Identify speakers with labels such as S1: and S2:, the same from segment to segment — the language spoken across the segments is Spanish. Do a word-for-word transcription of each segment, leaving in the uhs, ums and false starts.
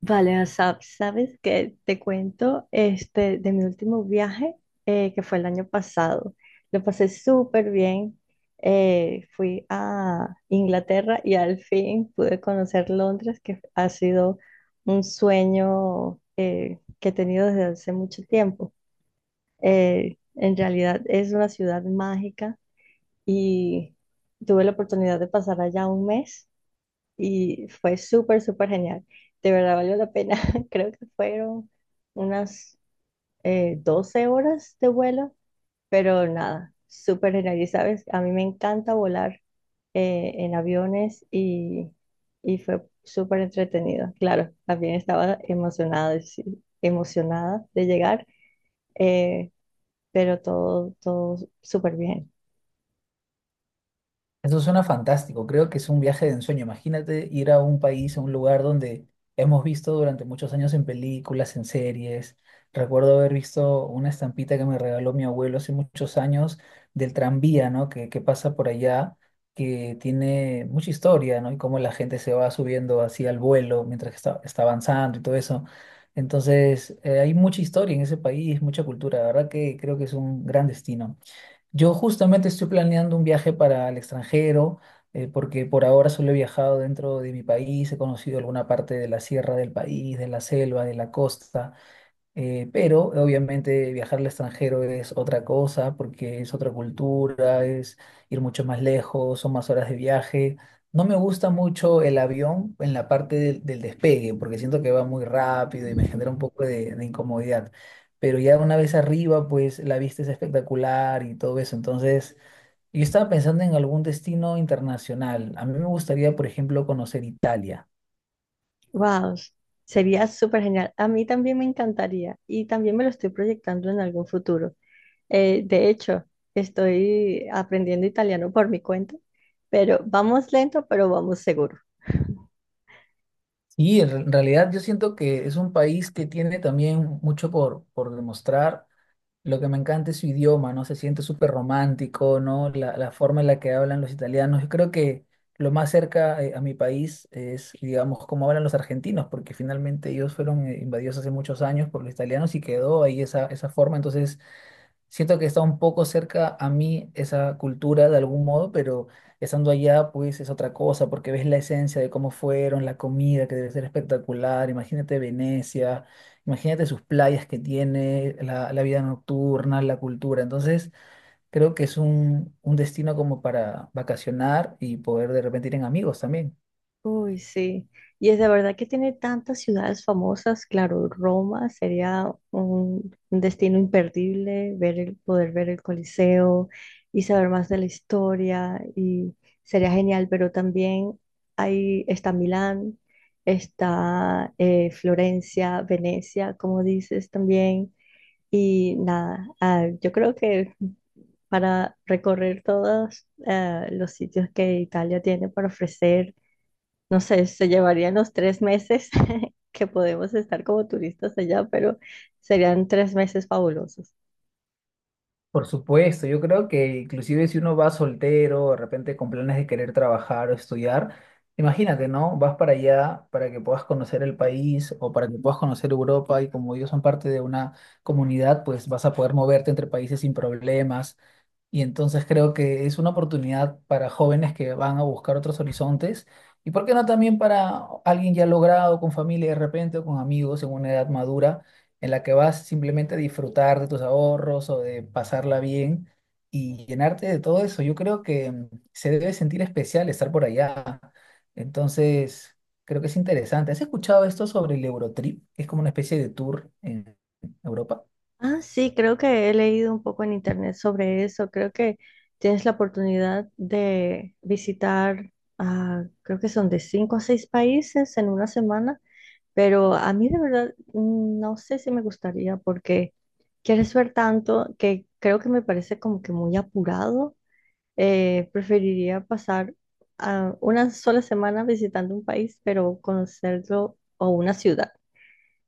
S1: Vale, o sea, sabes que te cuento este de mi último viaje eh, que fue el año pasado. Lo pasé súper bien. Eh, fui a Inglaterra y al fin pude conocer Londres, que ha sido un sueño eh, que he tenido desde hace mucho tiempo. Eh, en realidad es una ciudad mágica y tuve la oportunidad de pasar allá un mes y fue súper, súper genial. De verdad valió la pena. Creo que fueron unas eh, doce horas de vuelo, pero nada, súper genial. Y sabes, a mí me encanta volar eh, en aviones y, y fue súper entretenido. Claro, también estaba emocionada, de- sí, emocionada de llegar, eh, pero todo, todo súper bien.
S2: Eso suena fantástico, creo que es un viaje de ensueño. Imagínate ir a un país, a un lugar donde hemos visto durante muchos años en películas, en series. Recuerdo haber visto una estampita que me regaló mi abuelo hace muchos años del tranvía, ¿no? Que, que pasa por allá, que tiene mucha historia, ¿no? Y cómo la gente se va subiendo así al vuelo mientras que está, está avanzando y todo eso. Entonces, eh, hay mucha historia en ese país, mucha cultura. La verdad que creo que es un gran destino. Yo justamente estoy planeando un viaje para el extranjero, eh, porque por ahora solo he viajado dentro de mi país, he conocido alguna parte de la sierra del país, de la selva, de la costa, eh, pero obviamente viajar al extranjero es otra cosa porque es otra cultura, es ir mucho más lejos, son más horas de viaje. No me gusta mucho el avión en la parte del, del despegue porque siento que va muy rápido y me genera un poco de, de incomodidad. Pero ya una vez arriba, pues la vista es espectacular y todo eso. Entonces, yo estaba pensando en algún destino internacional. A mí me gustaría, por ejemplo, conocer Italia.
S1: Wow, sería súper genial. A mí también me encantaría y también me lo estoy proyectando en algún futuro. Eh, de hecho, estoy aprendiendo italiano por mi cuenta, pero vamos lento, pero vamos seguro.
S2: Y en re- en realidad yo siento que es un país que tiene también mucho por, por demostrar. Lo que me encanta es su idioma, ¿no? Se siente súper romántico, ¿no? La, la forma en la que hablan los italianos. Yo creo que lo más cerca eh, a mi país es, digamos, cómo hablan los argentinos, porque finalmente ellos fueron eh, invadidos hace muchos años por los italianos y quedó ahí esa, esa forma. Entonces, siento que está un poco cerca a mí esa cultura de algún modo, pero estando allá pues es otra cosa, porque ves la esencia de cómo fueron, la comida que debe ser espectacular, imagínate Venecia, imagínate sus playas que tiene, la, la vida nocturna, la cultura. Entonces creo que es un, un destino como para vacacionar y poder de repente ir en amigos también.
S1: Uy, sí. Y es de verdad que tiene tantas ciudades famosas. Claro, Roma sería un, un destino imperdible, ver el, poder ver el Coliseo y saber más de la historia y sería genial. Pero también ahí está Milán, está eh, Florencia, Venecia, como dices también. Y nada, ah, yo creo que para recorrer todos eh, los sitios que Italia tiene para ofrecer no sé, se llevarían los tres meses que podemos estar como turistas allá, pero serían tres meses fabulosos.
S2: Por supuesto, yo creo que inclusive si uno va soltero, de repente con planes de querer trabajar o estudiar, imagínate, ¿no? Vas para allá para que puedas conocer el país o para que puedas conocer Europa y como ellos son parte de una comunidad, pues vas a poder moverte entre países sin problemas. Y entonces creo que es una oportunidad para jóvenes que van a buscar otros horizontes y por qué no también para alguien ya logrado con familia de repente o con amigos en una edad madura en la que vas simplemente a disfrutar de tus ahorros o de pasarla bien y llenarte de todo eso. Yo creo que mm, se debe sentir especial estar por allá. Entonces, creo que es interesante. ¿Has escuchado esto sobre el Eurotrip? Que Es como una especie de tour en Europa.
S1: Ah, sí, creo que he leído un poco en internet sobre eso. Creo que tienes la oportunidad de visitar, ah, creo que son de cinco a seis países en una semana, pero a mí de verdad mm, no sé si me gustaría porque quieres ver tanto que creo que me parece como que muy apurado. Eh, preferiría pasar ah, una sola semana visitando un país, pero conocerlo, o una ciudad,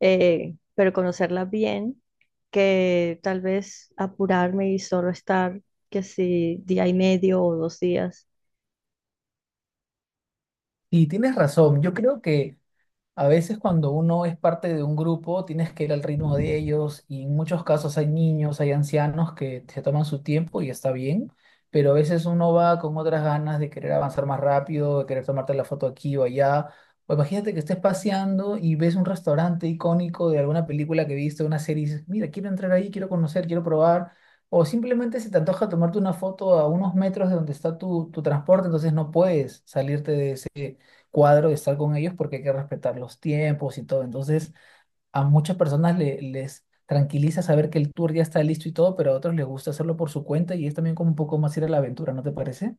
S1: eh, pero conocerla bien, que tal vez apurarme y solo estar, que si día y medio o dos días.
S2: Y tienes razón, yo creo que... A veces cuando uno es parte de un grupo, tienes que ir al ritmo de ellos y en muchos casos hay niños, hay ancianos que se toman su tiempo y está bien, pero a veces uno va con otras ganas de querer avanzar más rápido, de querer tomarte la foto aquí o allá. O imagínate que estés paseando y ves un restaurante icónico de alguna película que viste, una serie, y dices, mira, quiero entrar ahí, quiero conocer, quiero probar. O simplemente se te antoja tomarte una foto a unos metros de donde está tu, tu transporte, entonces no puedes salirte de ese cuadro de estar con ellos porque hay que respetar los tiempos y todo. Entonces, a muchas personas le- les tranquiliza saber que el tour ya está listo y todo, pero a otros les gusta hacerlo por su cuenta y es también como un poco más ir a la aventura, ¿no te parece?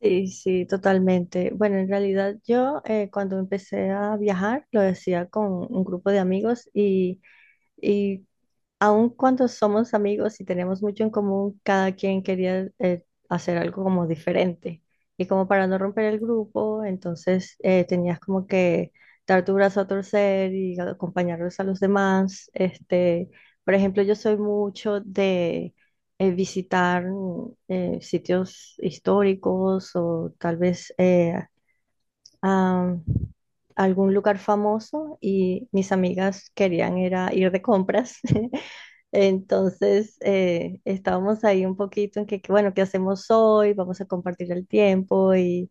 S1: Sí, sí, totalmente. Bueno, en realidad yo eh, cuando empecé a viajar lo decía con un grupo de amigos y, y aun cuando somos amigos y tenemos mucho en común, cada quien quería eh, hacer algo como diferente. Y como para no romper el grupo, entonces eh, tenías como que dar tu brazo a torcer y acompañarlos a los demás. Este, por ejemplo, yo soy mucho de eh, visitar mm, eh, sitios históricos o tal vez eh, a algún lugar famoso y mis amigas querían era ir de compras. Entonces, eh, estábamos ahí un poquito en que, que, bueno, ¿qué hacemos hoy? Vamos a compartir el tiempo y,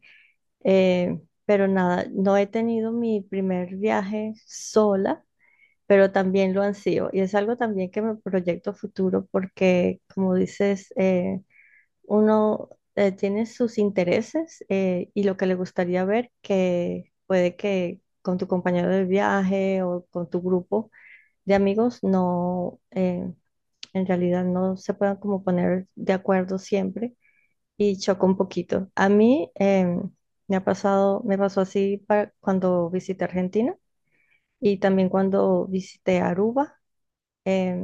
S1: eh, pero nada, no he tenido mi primer viaje sola, pero también lo ansío. Y es algo también que me proyecto a futuro porque, como dices, eh, uno eh, tiene sus intereses eh, y lo que le gustaría ver, que puede que con tu compañero de viaje o con tu grupo de amigos no, eh, en realidad no se puedan como poner de acuerdo siempre y choca un poquito. A mí eh, me ha pasado, me pasó así para cuando visité Argentina y también cuando visité Aruba. eh,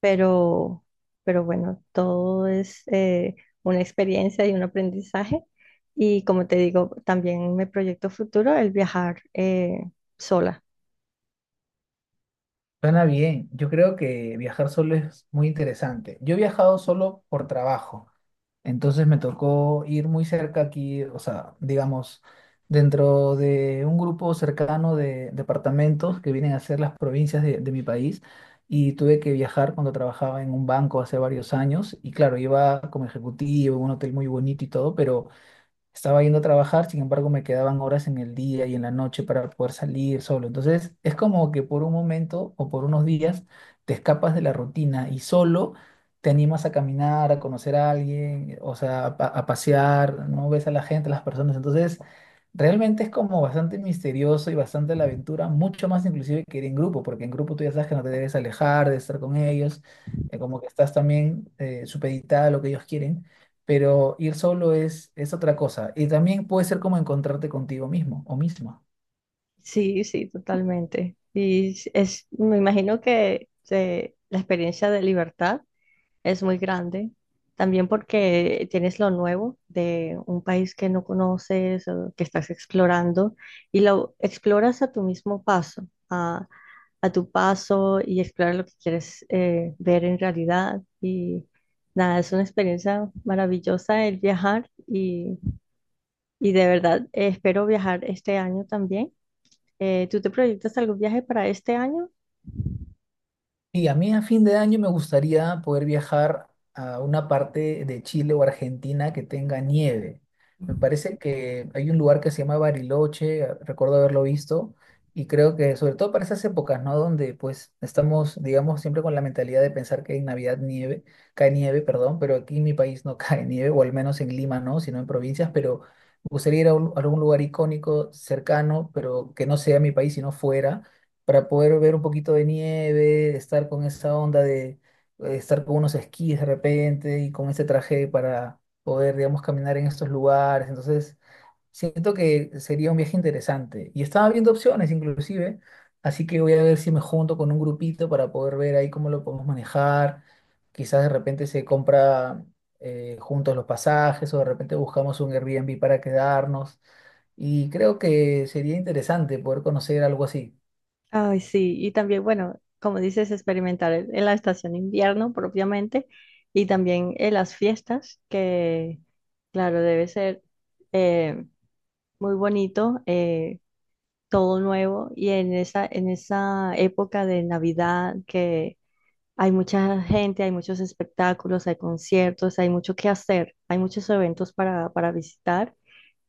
S1: pero, pero bueno, todo es eh, una experiencia y un aprendizaje. Y como te digo, también me proyecto futuro el viajar eh, sola.
S2: Suena bien. Yo creo que viajar solo es muy interesante. Yo he viajado solo por trabajo. Entonces me tocó ir muy cerca aquí, o sea, digamos, dentro de un grupo cercano de departamentos que vienen a ser las provincias de, de mi país. Y tuve que viajar cuando trabajaba en un banco hace varios años. Y claro, iba como ejecutivo, en un hotel muy bonito y todo, pero estaba yendo a trabajar, sin embargo, me quedaban horas en el día y en la noche para poder salir solo. Entonces, es como que por un momento o por unos días te escapas de la rutina y solo te animas a caminar, a conocer a alguien, o sea, a, pa- a pasear, no ves a la gente, a las personas. Entonces, realmente es como bastante misterioso y bastante la aventura, mucho más inclusive que ir en grupo, porque en grupo tú ya sabes que no te debes alejar de estar con ellos, eh, como que estás también eh, supeditada a lo que ellos quieren, pero ir solo es, es otra cosa. Y también puede ser como encontrarte contigo mismo o misma.
S1: Sí, sí, totalmente. Y es, es- me imagino que eh, la experiencia de libertad es muy grande. También porque tienes lo nuevo de un país que no conoces, o que estás explorando, y lo exploras a tu mismo paso, a, a tu paso y exploras lo que quieres eh, ver en realidad. Y nada, es una experiencia maravillosa el viajar y, y de verdad eh, espero viajar este año también. Eh, ¿tú te proyectas algún viaje para este año?
S2: Y a mí a fin de año me gustaría poder viajar a una parte de Chile o Argentina que tenga nieve. Me parece que hay un lugar que se llama Bariloche, a- recuerdo haberlo visto, y creo que sobre todo para esas épocas, ¿no? Donde pues estamos, digamos, siempre con la mentalidad de pensar que en Navidad nieve, cae nieve, perdón, pero aquí en mi país no cae nieve, o al menos en Lima no, sino en provincias, pero me gustaría ir a, un- a algún lugar icónico, cercano, pero que no sea mi país, sino fuera para poder ver un poquito de nieve, estar con esa onda de eh, estar con unos esquís de repente y con ese traje para poder, digamos, caminar en estos lugares. Entonces, siento que sería un viaje interesante. Y estaba viendo opciones inclusive, así que voy a ver si me junto con un grupito para poder ver ahí cómo lo podemos manejar. Quizás de repente se compra eh, juntos los pasajes o de repente buscamos un Airbnb para quedarnos. Y creo que sería interesante poder conocer algo así.
S1: Ay, sí, y también, bueno, como dices, experimentar en en la estación invierno propiamente y también en las fiestas, que claro, debe ser eh, muy bonito, eh, todo nuevo y en esa, en esa época de Navidad que hay mucha gente, hay muchos espectáculos, hay conciertos, hay mucho que hacer, hay muchos eventos para, para visitar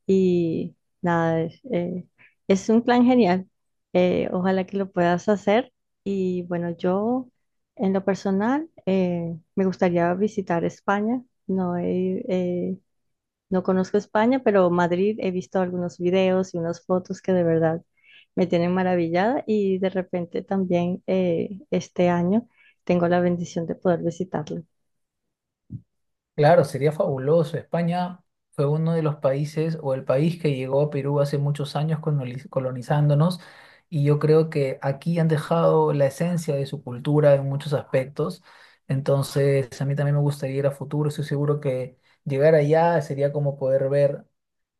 S1: y nada, es, eh, es un plan genial. Eh, ojalá que lo puedas hacer. Y bueno, yo en lo personal eh, me gustaría visitar España. No he, eh, no conozco España, pero Madrid he visto algunos videos y unas fotos que de verdad me tienen maravillada y de repente también eh, este año tengo la bendición de poder visitarlo.
S2: Claro, sería fabuloso. España fue uno de los países o el país que llegó a Perú hace muchos años coloniz- colonizándonos y yo creo que aquí han dejado la esencia de su cultura en muchos aspectos. Entonces, a mí también me gustaría ir a futuro. Estoy seguro que llegar allá sería como poder ver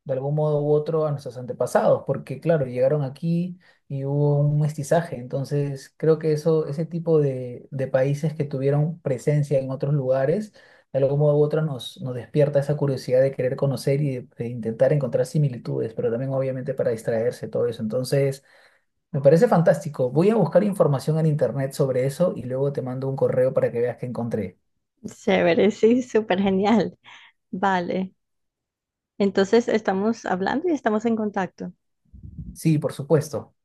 S2: de algún modo u otro a nuestros antepasados, porque claro, llegaron aquí y hubo un mestizaje, entonces creo que eso, ese tipo de, de países que tuvieron presencia en otros lugares, de algún modo u otro nos, nos despierta esa curiosidad de querer conocer y de, de intentar encontrar similitudes, pero también obviamente para distraerse todo eso, entonces me parece fantástico, voy a buscar información en internet sobre eso y luego te mando un correo para que veas que encontré.
S1: Chévere, sí, súper genial. Vale, entonces estamos hablando y estamos en contacto.
S2: Sí, por supuesto.